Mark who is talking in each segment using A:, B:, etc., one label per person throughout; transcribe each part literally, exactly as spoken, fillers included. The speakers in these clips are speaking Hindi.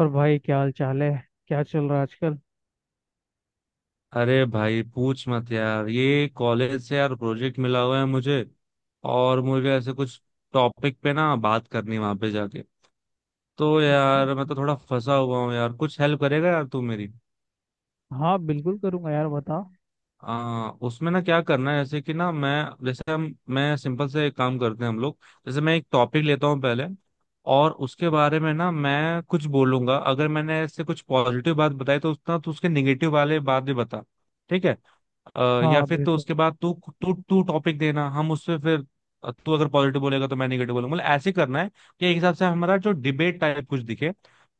A: और भाई क्या हाल चाल है। क्या चल रहा है आजकल।
B: अरे भाई पूछ मत यार, ये कॉलेज से यार प्रोजेक्ट मिला हुआ है मुझे। और मुझे ऐसे कुछ टॉपिक पे ना बात करनी वहां पे जाके। तो
A: अच्छा
B: यार मैं
A: अच्छा।
B: तो थोड़ा फंसा हुआ हूँ यार, कुछ हेल्प करेगा यार तू मेरी।
A: हाँ बिल्कुल करूंगा यार, बताओ।
B: आ, उसमें ना क्या करना है, जैसे कि ना मैं जैसे हम मैं सिंपल से एक काम करते हैं हम लोग। जैसे मैं एक टॉपिक लेता हूँ पहले, और उसके बारे में ना मैं कुछ बोलूंगा। अगर मैंने ऐसे कुछ पॉजिटिव बात बताई तो उसका तो उसके निगेटिव वाले बात भी बता। ठीक है। अ, या
A: हाँ
B: फिर तो
A: बिल्कुल।
B: उसके बाद तू तू तू टॉपिक देना, हम उससे फिर अ, तू अगर पॉजिटिव बोलेगा तो मैं नेगेटिव बोलूंगा, मतलब ऐसे करना है। कि एक हिसाब से हमारा जो डिबेट टाइप कुछ दिखे,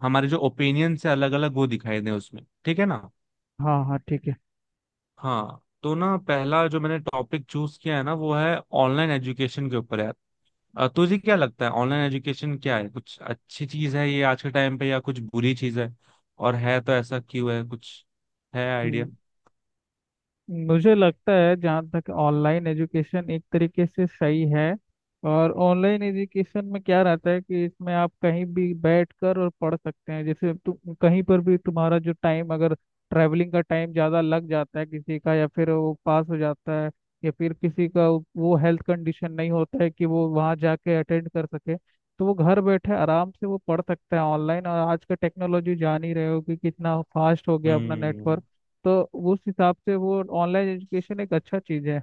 B: हमारे जो ओपिनियन से अलग अलग वो दिखाई दे उसमें। ठीक है ना।
A: हाँ हाँ ठीक
B: हाँ तो ना पहला जो मैंने टॉपिक चूज किया है ना वो है ऑनलाइन एजुकेशन के ऊपर यार। अ, तुझे क्या लगता है ऑनलाइन एजुकेशन क्या है? कुछ अच्छी चीज है ये आज के टाइम पे, या कुछ बुरी चीज है? और है तो ऐसा क्यों है कुछ? है
A: है।
B: आइडिया?
A: मुझे लगता है जहाँ तक ऑनलाइन एजुकेशन एक तरीके से सही है। और ऑनलाइन एजुकेशन में क्या रहता है कि इसमें आप कहीं भी बैठ कर और पढ़ सकते हैं, जैसे तुम कहीं पर भी तुम्हारा जो टाइम अगर ट्रैवलिंग का टाइम ज़्यादा लग जाता है किसी का, या फिर वो पास हो जाता है, या फिर किसी का वो हेल्थ कंडीशन नहीं होता है कि वो वहाँ जाके अटेंड कर सके, तो वो घर बैठे आराम से वो पढ़ सकता है ऑनलाइन। और आज का टेक्नोलॉजी जान ही रहे हो कि कितना फास्ट हो गया अपना नेटवर्क।
B: हम्म।
A: तो उस हिसाब से वो ऑनलाइन एजुकेशन एक अच्छा चीज है।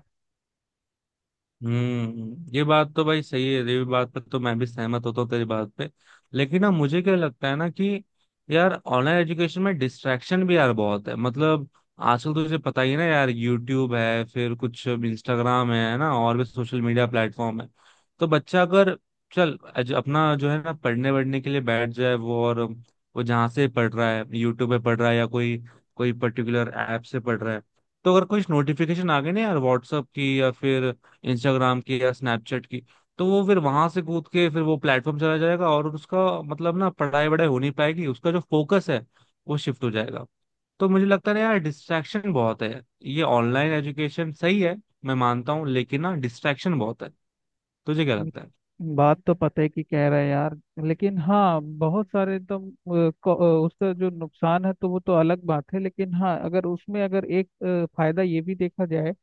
B: हम्म। ये बात तो भाई सही है, ये बात पर तो मैं भी सहमत होता हूँ तेरी बात पे। लेकिन ना मुझे क्या लगता है ना कि यार ऑनलाइन एजुकेशन में डिस्ट्रैक्शन भी यार बहुत है। मतलब आजकल तो तुझे पता ही है ना यार, यूट्यूब है, फिर कुछ इंस्टाग्राम है ना, और भी सोशल मीडिया प्लेटफॉर्म है। तो बच्चा अगर चल अज- अपना जो है ना पढ़ने वढ़ने के लिए बैठ जाए वो, और वो जहाँ से पढ़ रहा है, यूट्यूब पे पढ़ रहा है या कोई कोई पर्टिकुलर ऐप से पढ़ रहा है। तो अगर कुछ नोटिफिकेशन आ गए ना यार व्हाट्सअप की या फिर इंस्टाग्राम की या स्नैपचैट की, तो वो फिर वहां से कूद के फिर वो प्लेटफॉर्म चला जाएगा, और उसका मतलब ना पढ़ाई वढ़ाई हो नहीं पाएगी, उसका जो फोकस है वो शिफ्ट हो जाएगा। तो मुझे लगता है ना यार डिस्ट्रैक्शन बहुत है यार। ये ऑनलाइन एजुकेशन सही है मैं मानता हूँ, लेकिन ना डिस्ट्रैक्शन बहुत है। तुझे क्या लगता है?
A: बात तो पता है कि कह रहा है यार। लेकिन हाँ, बहुत सारे तो अ, को- अ, उसका जो नुकसान है तो वो तो अलग बात है। लेकिन हाँ, अगर उसमें अगर एक अ, फायदा ये भी देखा जाए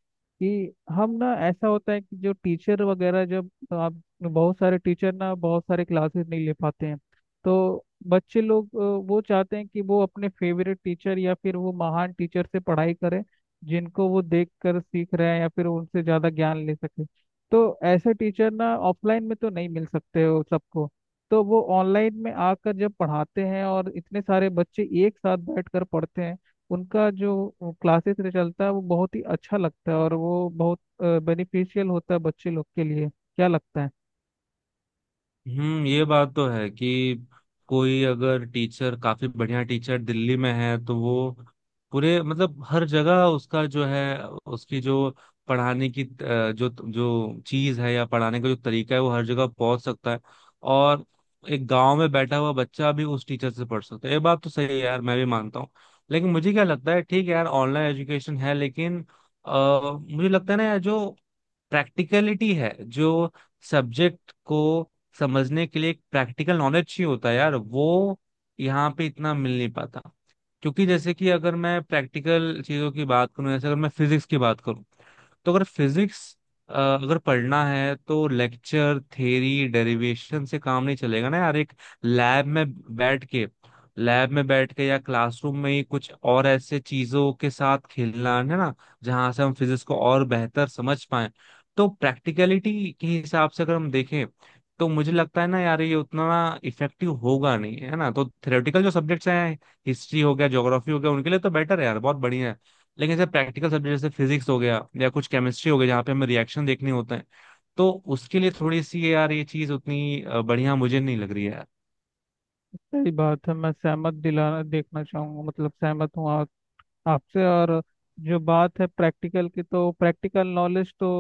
A: कि हम ना ऐसा होता है कि जो टीचर वगैरह जब आप बहुत सारे टीचर ना बहुत सारे क्लासेस नहीं ले पाते हैं, तो बच्चे लोग अ, वो चाहते हैं कि वो अपने फेवरेट टीचर या फिर वो महान टीचर से पढ़ाई करें, जिनको वो देख कर सीख रहे हैं या फिर उनसे ज़्यादा ज्ञान ले सके। तो ऐसे टीचर ना ऑफलाइन में तो नहीं मिल सकते हो सबको। तो वो ऑनलाइन में आकर जब पढ़ाते हैं और इतने सारे बच्चे एक साथ बैठकर पढ़ते हैं, उनका जो क्लासेस चलता है वो बहुत ही अच्छा लगता है और वो बहुत बेनिफिशियल होता है बच्चे लोग के लिए। क्या लगता है?
B: हम्म। ये बात तो है कि कोई अगर टीचर काफी बढ़िया टीचर दिल्ली में है तो वो पूरे मतलब हर जगह उसका जो है, उसकी जो पढ़ाने की अ, जो जो चीज है या पढ़ाने का जो तरीका है, वो हर जगह पहुंच सकता है। और एक गांव में बैठा हुआ बच्चा भी उस टीचर से पढ़ सकता है, ये बात तो सही है यार, मैं भी मानता हूँ। लेकिन मुझे क्या लगता है, ठीक है यार ऑनलाइन एजुकेशन है लेकिन आ, मुझे लगता है ना यार, जो प्रैक्टिकलिटी है, जो सब्जेक्ट को समझने के लिए एक प्रैक्टिकल नॉलेज चाहिए होता है यार, वो यहाँ पे इतना मिल नहीं पाता। क्योंकि जैसे कि अगर मैं प्रैक्टिकल चीजों की बात करूं, जैसे अगर मैं फिजिक्स की बात करूं, तो अगर फिजिक्स अगर पढ़ना है तो लेक्चर थ्योरी डेरिवेशन से काम नहीं चलेगा ना यार। एक लैब में बैठ के लैब में बैठ के या क्लासरूम में ही कुछ और ऐसे चीजों के साथ खेलना है ना, जहां से हम फिजिक्स को और बेहतर समझ पाए। तो प्रैक्टिकलिटी के हिसाब से अगर हम देखें, तो मुझे लगता है ना यार ये उतना इफेक्टिव होगा नहीं, है ना? तो थ्योरेटिकल जो सब्जेक्ट्स हैं, हिस्ट्री हो गया, ज्योग्राफी हो गया, उनके लिए तो बेटर है यार, बहुत बढ़िया है। लेकिन जैसे प्रैक्टिकल सब्जेक्ट, जैसे फिजिक्स हो गया या कुछ केमिस्ट्री हो गया, जहाँ पे हमें रिएक्शन देखने होते हैं, तो उसके लिए थोड़ी सी यार ये चीज उतनी अ, बढ़िया मुझे नहीं लग रही है यार।
A: सही बात है, मैं सहमत दिलाना देखना चाहूंगा, मतलब सहमत हूँ आपसे। और जो बात है प्रैक्टिकल की, तो प्रैक्टिकल नॉलेज तो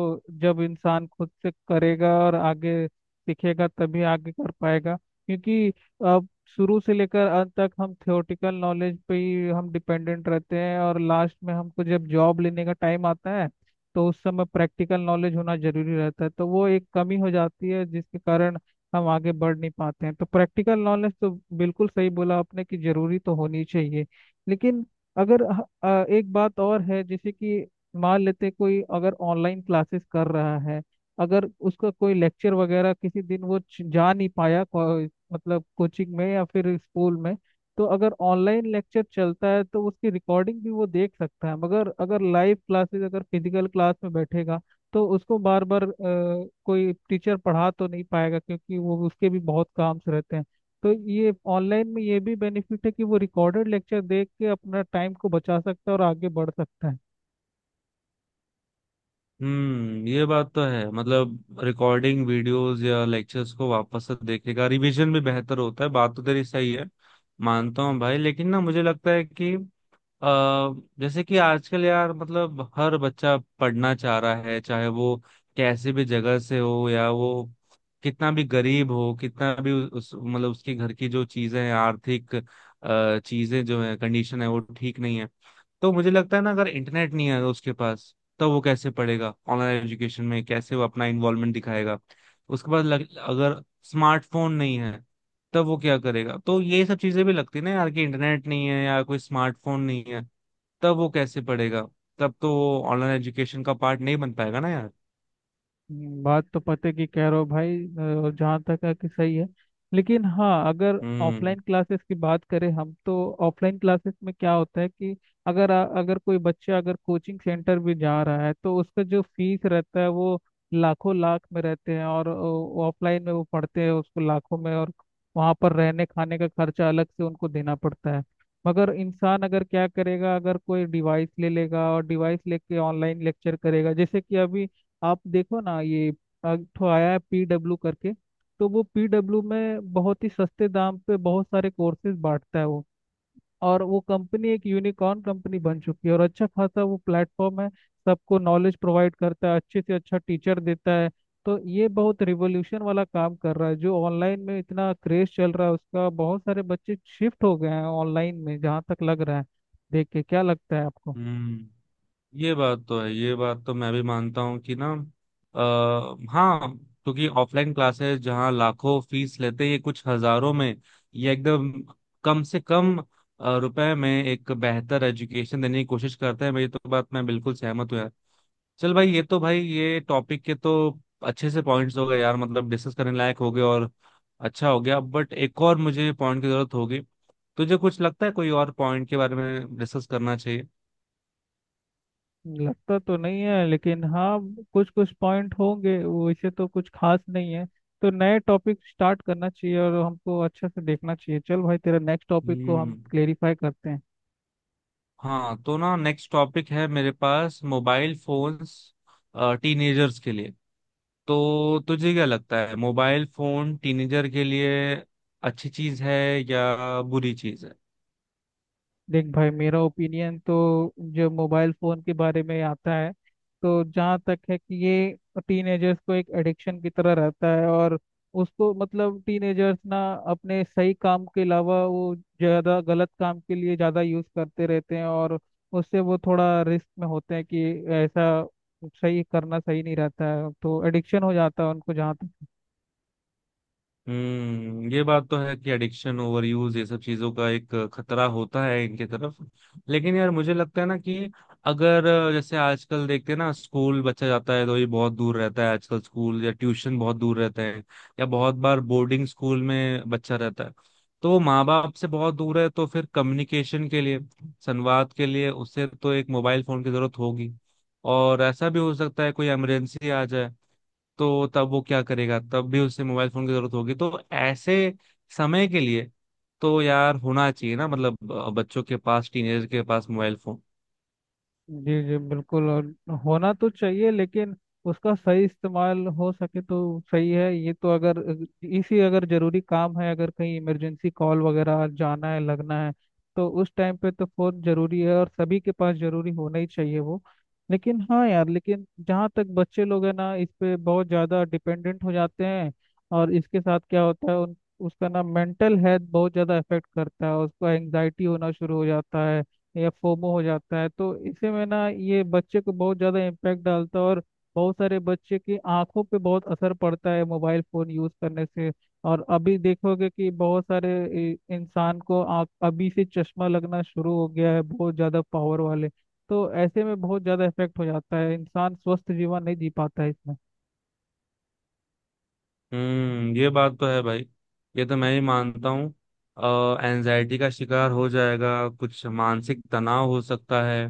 A: जब इंसान खुद से करेगा और आगे सीखेगा तभी आगे कर पाएगा। क्योंकि अब शुरू से लेकर अंत तक हम थियोरेटिकल नॉलेज पे ही हम डिपेंडेंट रहते हैं, और लास्ट में हमको जब जॉब लेने का टाइम आता है, तो उस समय प्रैक्टिकल नॉलेज होना जरूरी रहता है। तो वो एक कमी हो जाती है जिसके कारण हम आगे बढ़ नहीं पाते हैं। तो प्रैक्टिकल नॉलेज तो बिल्कुल सही बोला आपने कि जरूरी तो होनी चाहिए। लेकिन अगर ह- अ, एक बात और है, जैसे कि मान लेते हैं कोई अगर ऑनलाइन क्लासेस कर रहा है, अगर उसका कोई लेक्चर वगैरह किसी दिन वो च- जा नहीं पाया को, मतलब कोचिंग में या फिर स्कूल में, तो अगर ऑनलाइन लेक्चर चलता है तो उसकी रिकॉर्डिंग भी वो देख सकता है। मगर अगर लाइव क्लासेस अगर फिजिकल क्लास में बैठेगा, तो उसको बार बार कोई टीचर पढ़ा तो नहीं पाएगा, क्योंकि वो उसके भी बहुत काम से रहते हैं। तो ये ऑनलाइन में ये भी बेनिफिट है कि वो रिकॉर्डेड लेक्चर देख के अपना टाइम को बचा सकता है और आगे बढ़ सकता है।
B: हम्म। ये बात तो है, मतलब रिकॉर्डिंग वीडियोस या लेक्चर्स को वापस से देखेगा, रिवीजन भी बेहतर होता है, बात तो तेरी सही है। मानता हूँ भाई, लेकिन ना मुझे लगता है कि अ जैसे कि आजकल यार मतलब हर बच्चा पढ़ना चाह रहा है, चाहे वो कैसे भी जगह से हो, या वो कितना भी गरीब हो, कितना भी उ- उस मतलब उसके घर की जो चीजें हैं, आर्थिक अ, चीजें जो है कंडीशन है वो ठीक नहीं है। तो मुझे लगता है ना, अगर इंटरनेट नहीं है उसके पास, तो वो कैसे पढ़ेगा ऑनलाइन एजुकेशन में, कैसे वो अपना इन्वॉल्वमेंट दिखाएगा? उसके बाद लग, अगर स्मार्टफोन नहीं है, तब वो क्या करेगा? तो ये सब चीजें भी लगती है ना यार, कि इंटरनेट नहीं है या कोई स्मार्टफोन नहीं है, तब वो कैसे पढ़ेगा? तब तो वो ऑनलाइन एजुकेशन का पार्ट नहीं बन पाएगा ना यार।
A: हम्म, बात तो पते की कह रहे हो भाई। अ, जहाँ तक है कि सही है। लेकिन हाँ, अगर
B: हम्म।
A: ऑफलाइन क्लासेस की बात करें हम, तो ऑफलाइन क्लासेस में क्या होता है कि अगर आ- अगर कोई बच्चा अगर कोचिंग सेंटर भी जा रहा है तो उसका जो फीस रहता है वो लाखों लाख में रहते हैं, और ऑफलाइन में वो पढ़ते हैं उसको लाखों में, और वहाँ पर रहने खाने का खर्चा अलग से उनको देना पड़ता है। मगर इंसान अगर क्या करेगा, अगर कोई डिवाइस ले लेगा और डिवाइस लेके ऑनलाइन लेक्चर करेगा, जैसे कि अभी आप देखो ना ये एक ठो आया है पीडब्ल्यू करके। तो वो पीडब्ल्यू में बहुत ही सस्ते दाम पे बहुत सारे कोर्सेज बांटता है वो। और वो कंपनी एक यूनिकॉर्न कंपनी बन चुकी है और अच्छा खासा वो प्लेटफॉर्म है, सबको नॉलेज प्रोवाइड करता है, अच्छे से अच्छा टीचर देता है। तो ये बहुत रिवोल्यूशन वाला काम कर रहा है। जो ऑनलाइन में इतना क्रेज चल रहा है उसका, बहुत सारे बच्चे शिफ्ट हो गए हैं ऑनलाइन में, जहाँ तक लग रहा है। देख के क्या लगता है आपको?
B: हम्म। ये बात तो है, ये बात तो मैं भी मानता हूँ कि ना आ, हाँ, क्योंकि ऑफलाइन क्लासेस जहाँ लाखों फीस लेते हैं, ये कुछ हजारों में, ये एकदम कम से कम अ, रुपए में एक बेहतर एजुकेशन देने की कोशिश करते हैं। मेरी तो बात, मैं बिल्कुल सहमत हूँ यार। चल भाई, ये तो भाई ये टॉपिक के तो अच्छे से पॉइंट्स हो गए यार, मतलब डिस्कस करने लायक हो गए, और अच्छा हो गया। बट एक और मुझे पॉइंट की जरूरत होगी। तुझे कुछ लगता है कोई और पॉइंट के बारे में डिस्कस करना चाहिए?
A: लगता तो नहीं है, लेकिन हाँ कुछ कुछ पॉइंट होंगे, वैसे तो कुछ खास नहीं है। तो नए टॉपिक स्टार्ट करना चाहिए और हमको अच्छे से देखना चाहिए। चल भाई, तेरा नेक्स्ट टॉपिक को हम
B: हम्म।
A: क्लेरिफाई करते हैं।
B: हाँ तो ना नेक्स्ट टॉपिक है मेरे पास, मोबाइल फोन्स टीनेजर्स के लिए। तो तुझे क्या लगता है मोबाइल फोन टीनेजर के लिए अच्छी चीज है या बुरी चीज है?
A: देख भाई, मेरा ओपिनियन तो जो मोबाइल फ़ोन के बारे में आता है, तो जहाँ तक है कि ये टीनेजर्स को एक एडिक्शन की तरह रहता है। और उसको मतलब टीनेजर्स ना अपने सही काम के अलावा वो ज़्यादा गलत काम के लिए ज़्यादा यूज़ करते रहते हैं, और उससे वो थोड़ा रिस्क में होते हैं कि ऐसा सही करना सही नहीं रहता है। तो एडिक्शन हो जाता है उनको, जहाँ तक।
B: हम्म। ये बात तो है कि एडिक्शन, ओवरयूज, ये सब चीजों का एक खतरा होता है इनके तरफ। लेकिन यार मुझे लगता है ना कि अगर अ, जैसे आजकल देखते हैं ना, स्कूल बच्चा जाता है तो ये बहुत दूर रहता है आजकल, स्कूल या ट्यूशन बहुत दूर रहते हैं, या बहुत बार बोर्डिंग स्कूल में बच्चा रहता है। तो वो माँ बाप से बहुत दूर है, तो फिर कम्युनिकेशन के लिए, संवाद के लिए उसे तो एक मोबाइल फोन की जरूरत होगी। और ऐसा भी हो सकता है कोई इमरजेंसी आ जाए, तो तब वो क्या करेगा? तब भी उसे मोबाइल फोन की जरूरत होगी। तो ऐसे समय के लिए तो यार होना चाहिए ना, मतलब अ, बच्चों के पास, टीनेजर के पास मोबाइल फोन।
A: जी जी बिल्कुल। और होना तो चाहिए, लेकिन उसका सही इस्तेमाल हो सके तो सही है ये तो। अगर इसी अगर जरूरी काम है, अगर कहीं इमरजेंसी कॉल वगैरह जाना है, लगना है, तो उस टाइम पे तो फोन जरूरी है और सभी के पास जरूरी होना ही चाहिए वो। लेकिन हाँ यार, लेकिन जहाँ तक बच्चे लोग हैं ना, इस पे बहुत ज़्यादा डिपेंडेंट हो जाते हैं। और इसके साथ क्या होता है उन उसका ना मेंटल हेल्थ बहुत ज़्यादा इफेक्ट करता है, उसको एंग्जाइटी होना शुरू हो जाता है या फोमो हो जाता है। तो इससे में ना ये बच्चे को बहुत ज़्यादा इम्पैक्ट डालता है। और बहुत सारे बच्चे की आंखों पे बहुत असर पड़ता है मोबाइल फ़ोन यूज़ करने से। और अभी देखोगे कि बहुत सारे इ- इंसान को आँख अभी से चश्मा लगना शुरू हो गया है, बहुत ज़्यादा पावर वाले। तो ऐसे में बहुत ज़्यादा इफेक्ट हो जाता है, इंसान स्वस्थ जीवन नहीं जी पाता है इसमें।
B: हम्म। ये बात तो है भाई, ये तो मैं ही मानता हूँ, एनजाइटी का शिकार हो जाएगा, कुछ मानसिक तनाव हो सकता है।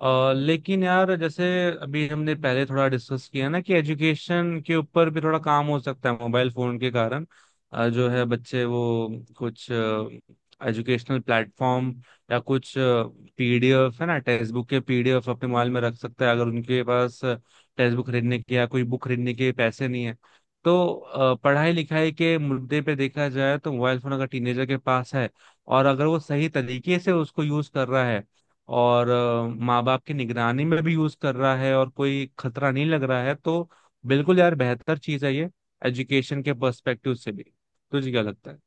B: अ, लेकिन यार जैसे अभी हमने पहले थोड़ा डिस्कस किया ना कि एजुकेशन के ऊपर भी थोड़ा काम हो सकता है मोबाइल फोन के कारण। अ, जो है बच्चे वो कुछ एजुकेशनल प्लेटफॉर्म या कुछ पीडीएफ है ना, टेक्स्ट बुक के पीडीएफ अपने मोबाइल में रख सकता है, अगर उनके पास टेक्स्ट बुक खरीदने के या कोई बुक खरीदने के पैसे नहीं है। तो अ, पढ़ाई लिखाई के मुद्दे पे देखा जाए तो मोबाइल फोन अगर टीनेजर के पास है, और अगर वो सही तरीके से उसको यूज कर रहा है, और माँ बाप की निगरानी में भी यूज कर रहा है, और कोई खतरा नहीं लग रहा है, तो बिल्कुल यार बेहतर चीज है ये, एजुकेशन के पर्सपेक्टिव से भी। तुझे क्या लगता है?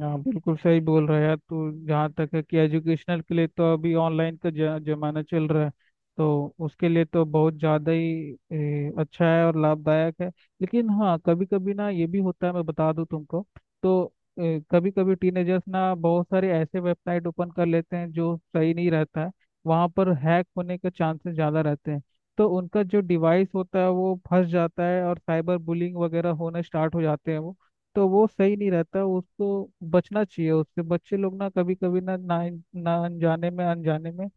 A: हाँ बिल्कुल सही बोल रहा है यार तू। जहाँ तक है कि एजुकेशनल के लिए तो अभी ऑनलाइन का ज- जमाना चल रहा है। तो उसके लिए तो बहुत ज़्यादा ही ए, अच्छा है और लाभदायक है। लेकिन हाँ, कभी कभी ना ये भी होता है, मैं बता दूँ तुमको, तो कभी कभी टीनेजर्स ना बहुत सारे ऐसे वेबसाइट ओपन कर लेते हैं जो सही नहीं रहता है। वहाँ पर हैक होने के चांसेस ज़्यादा रहते हैं। तो उनका जो डिवाइस होता है वो फंस जाता है और साइबर बुलिंग वगैरह होना स्टार्ट हो जाते हैं वो। तो वो सही नहीं रहता उसको, बचना चाहिए उससे। बच्चे लोग ना कभी कभी ना ना ना अनजाने में, अनजाने में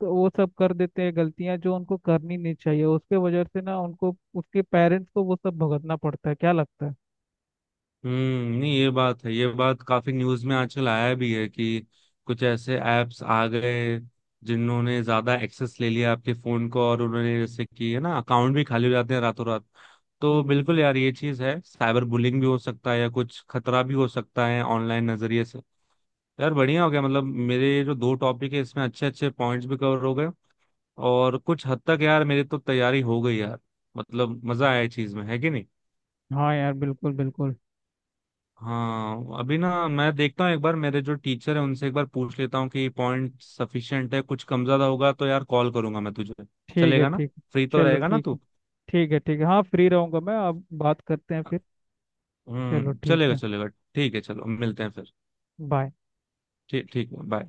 A: तो वो सब कर देते हैं गलतियां जो उनको करनी नहीं चाहिए, उसके वजह से ना उनको उसके पेरेंट्स को वो सब भुगतना पड़ता है। क्या लगता है?
B: हम्म। नहीं, ये बात है, ये बात काफी न्यूज में आजकल आया भी है कि कुछ ऐसे एप्स आ गए जिन्होंने ज्यादा एक्सेस ले लिया आपके फोन को, और उन्होंने जैसे कि है ना, अकाउंट भी खाली हो जाते हैं रातों रात। तो
A: हम्म।
B: बिल्कुल यार ये चीज है, साइबर बुलिंग भी हो सकता है या कुछ खतरा भी हो सकता है ऑनलाइन नजरिए से। यार बढ़िया हो गया, मतलब मेरे जो दो टॉपिक है इसमें अच्छे अच्छे पॉइंट्स भी कवर हो गए, और कुछ हद तक यार मेरी तो तैयारी हो गई यार। मतलब मजा आया चीज में, है कि नहीं?
A: हाँ यार बिल्कुल बिल्कुल।
B: हाँ अभी ना मैं देखता हूँ एक बार, मेरे जो टीचर है उनसे एक बार पूछ लेता हूँ कि पॉइंट सफिशिएंट है। कुछ कम ज्यादा होगा तो यार कॉल करूंगा मैं तुझे।
A: ठीक है
B: चलेगा ना?
A: ठीक है।
B: फ्री तो
A: चलो
B: रहेगा ना
A: ठीक है।
B: तू?
A: ठीक है ठीक है, हाँ फ्री रहूंगा मैं, अब बात करते हैं फिर। चलो
B: हम्म,
A: ठीक
B: चलेगा,
A: है।
B: चलेगा। ठीक है, चलो मिलते हैं फिर।
A: बाय।
B: ठीक, ठीक, बाय।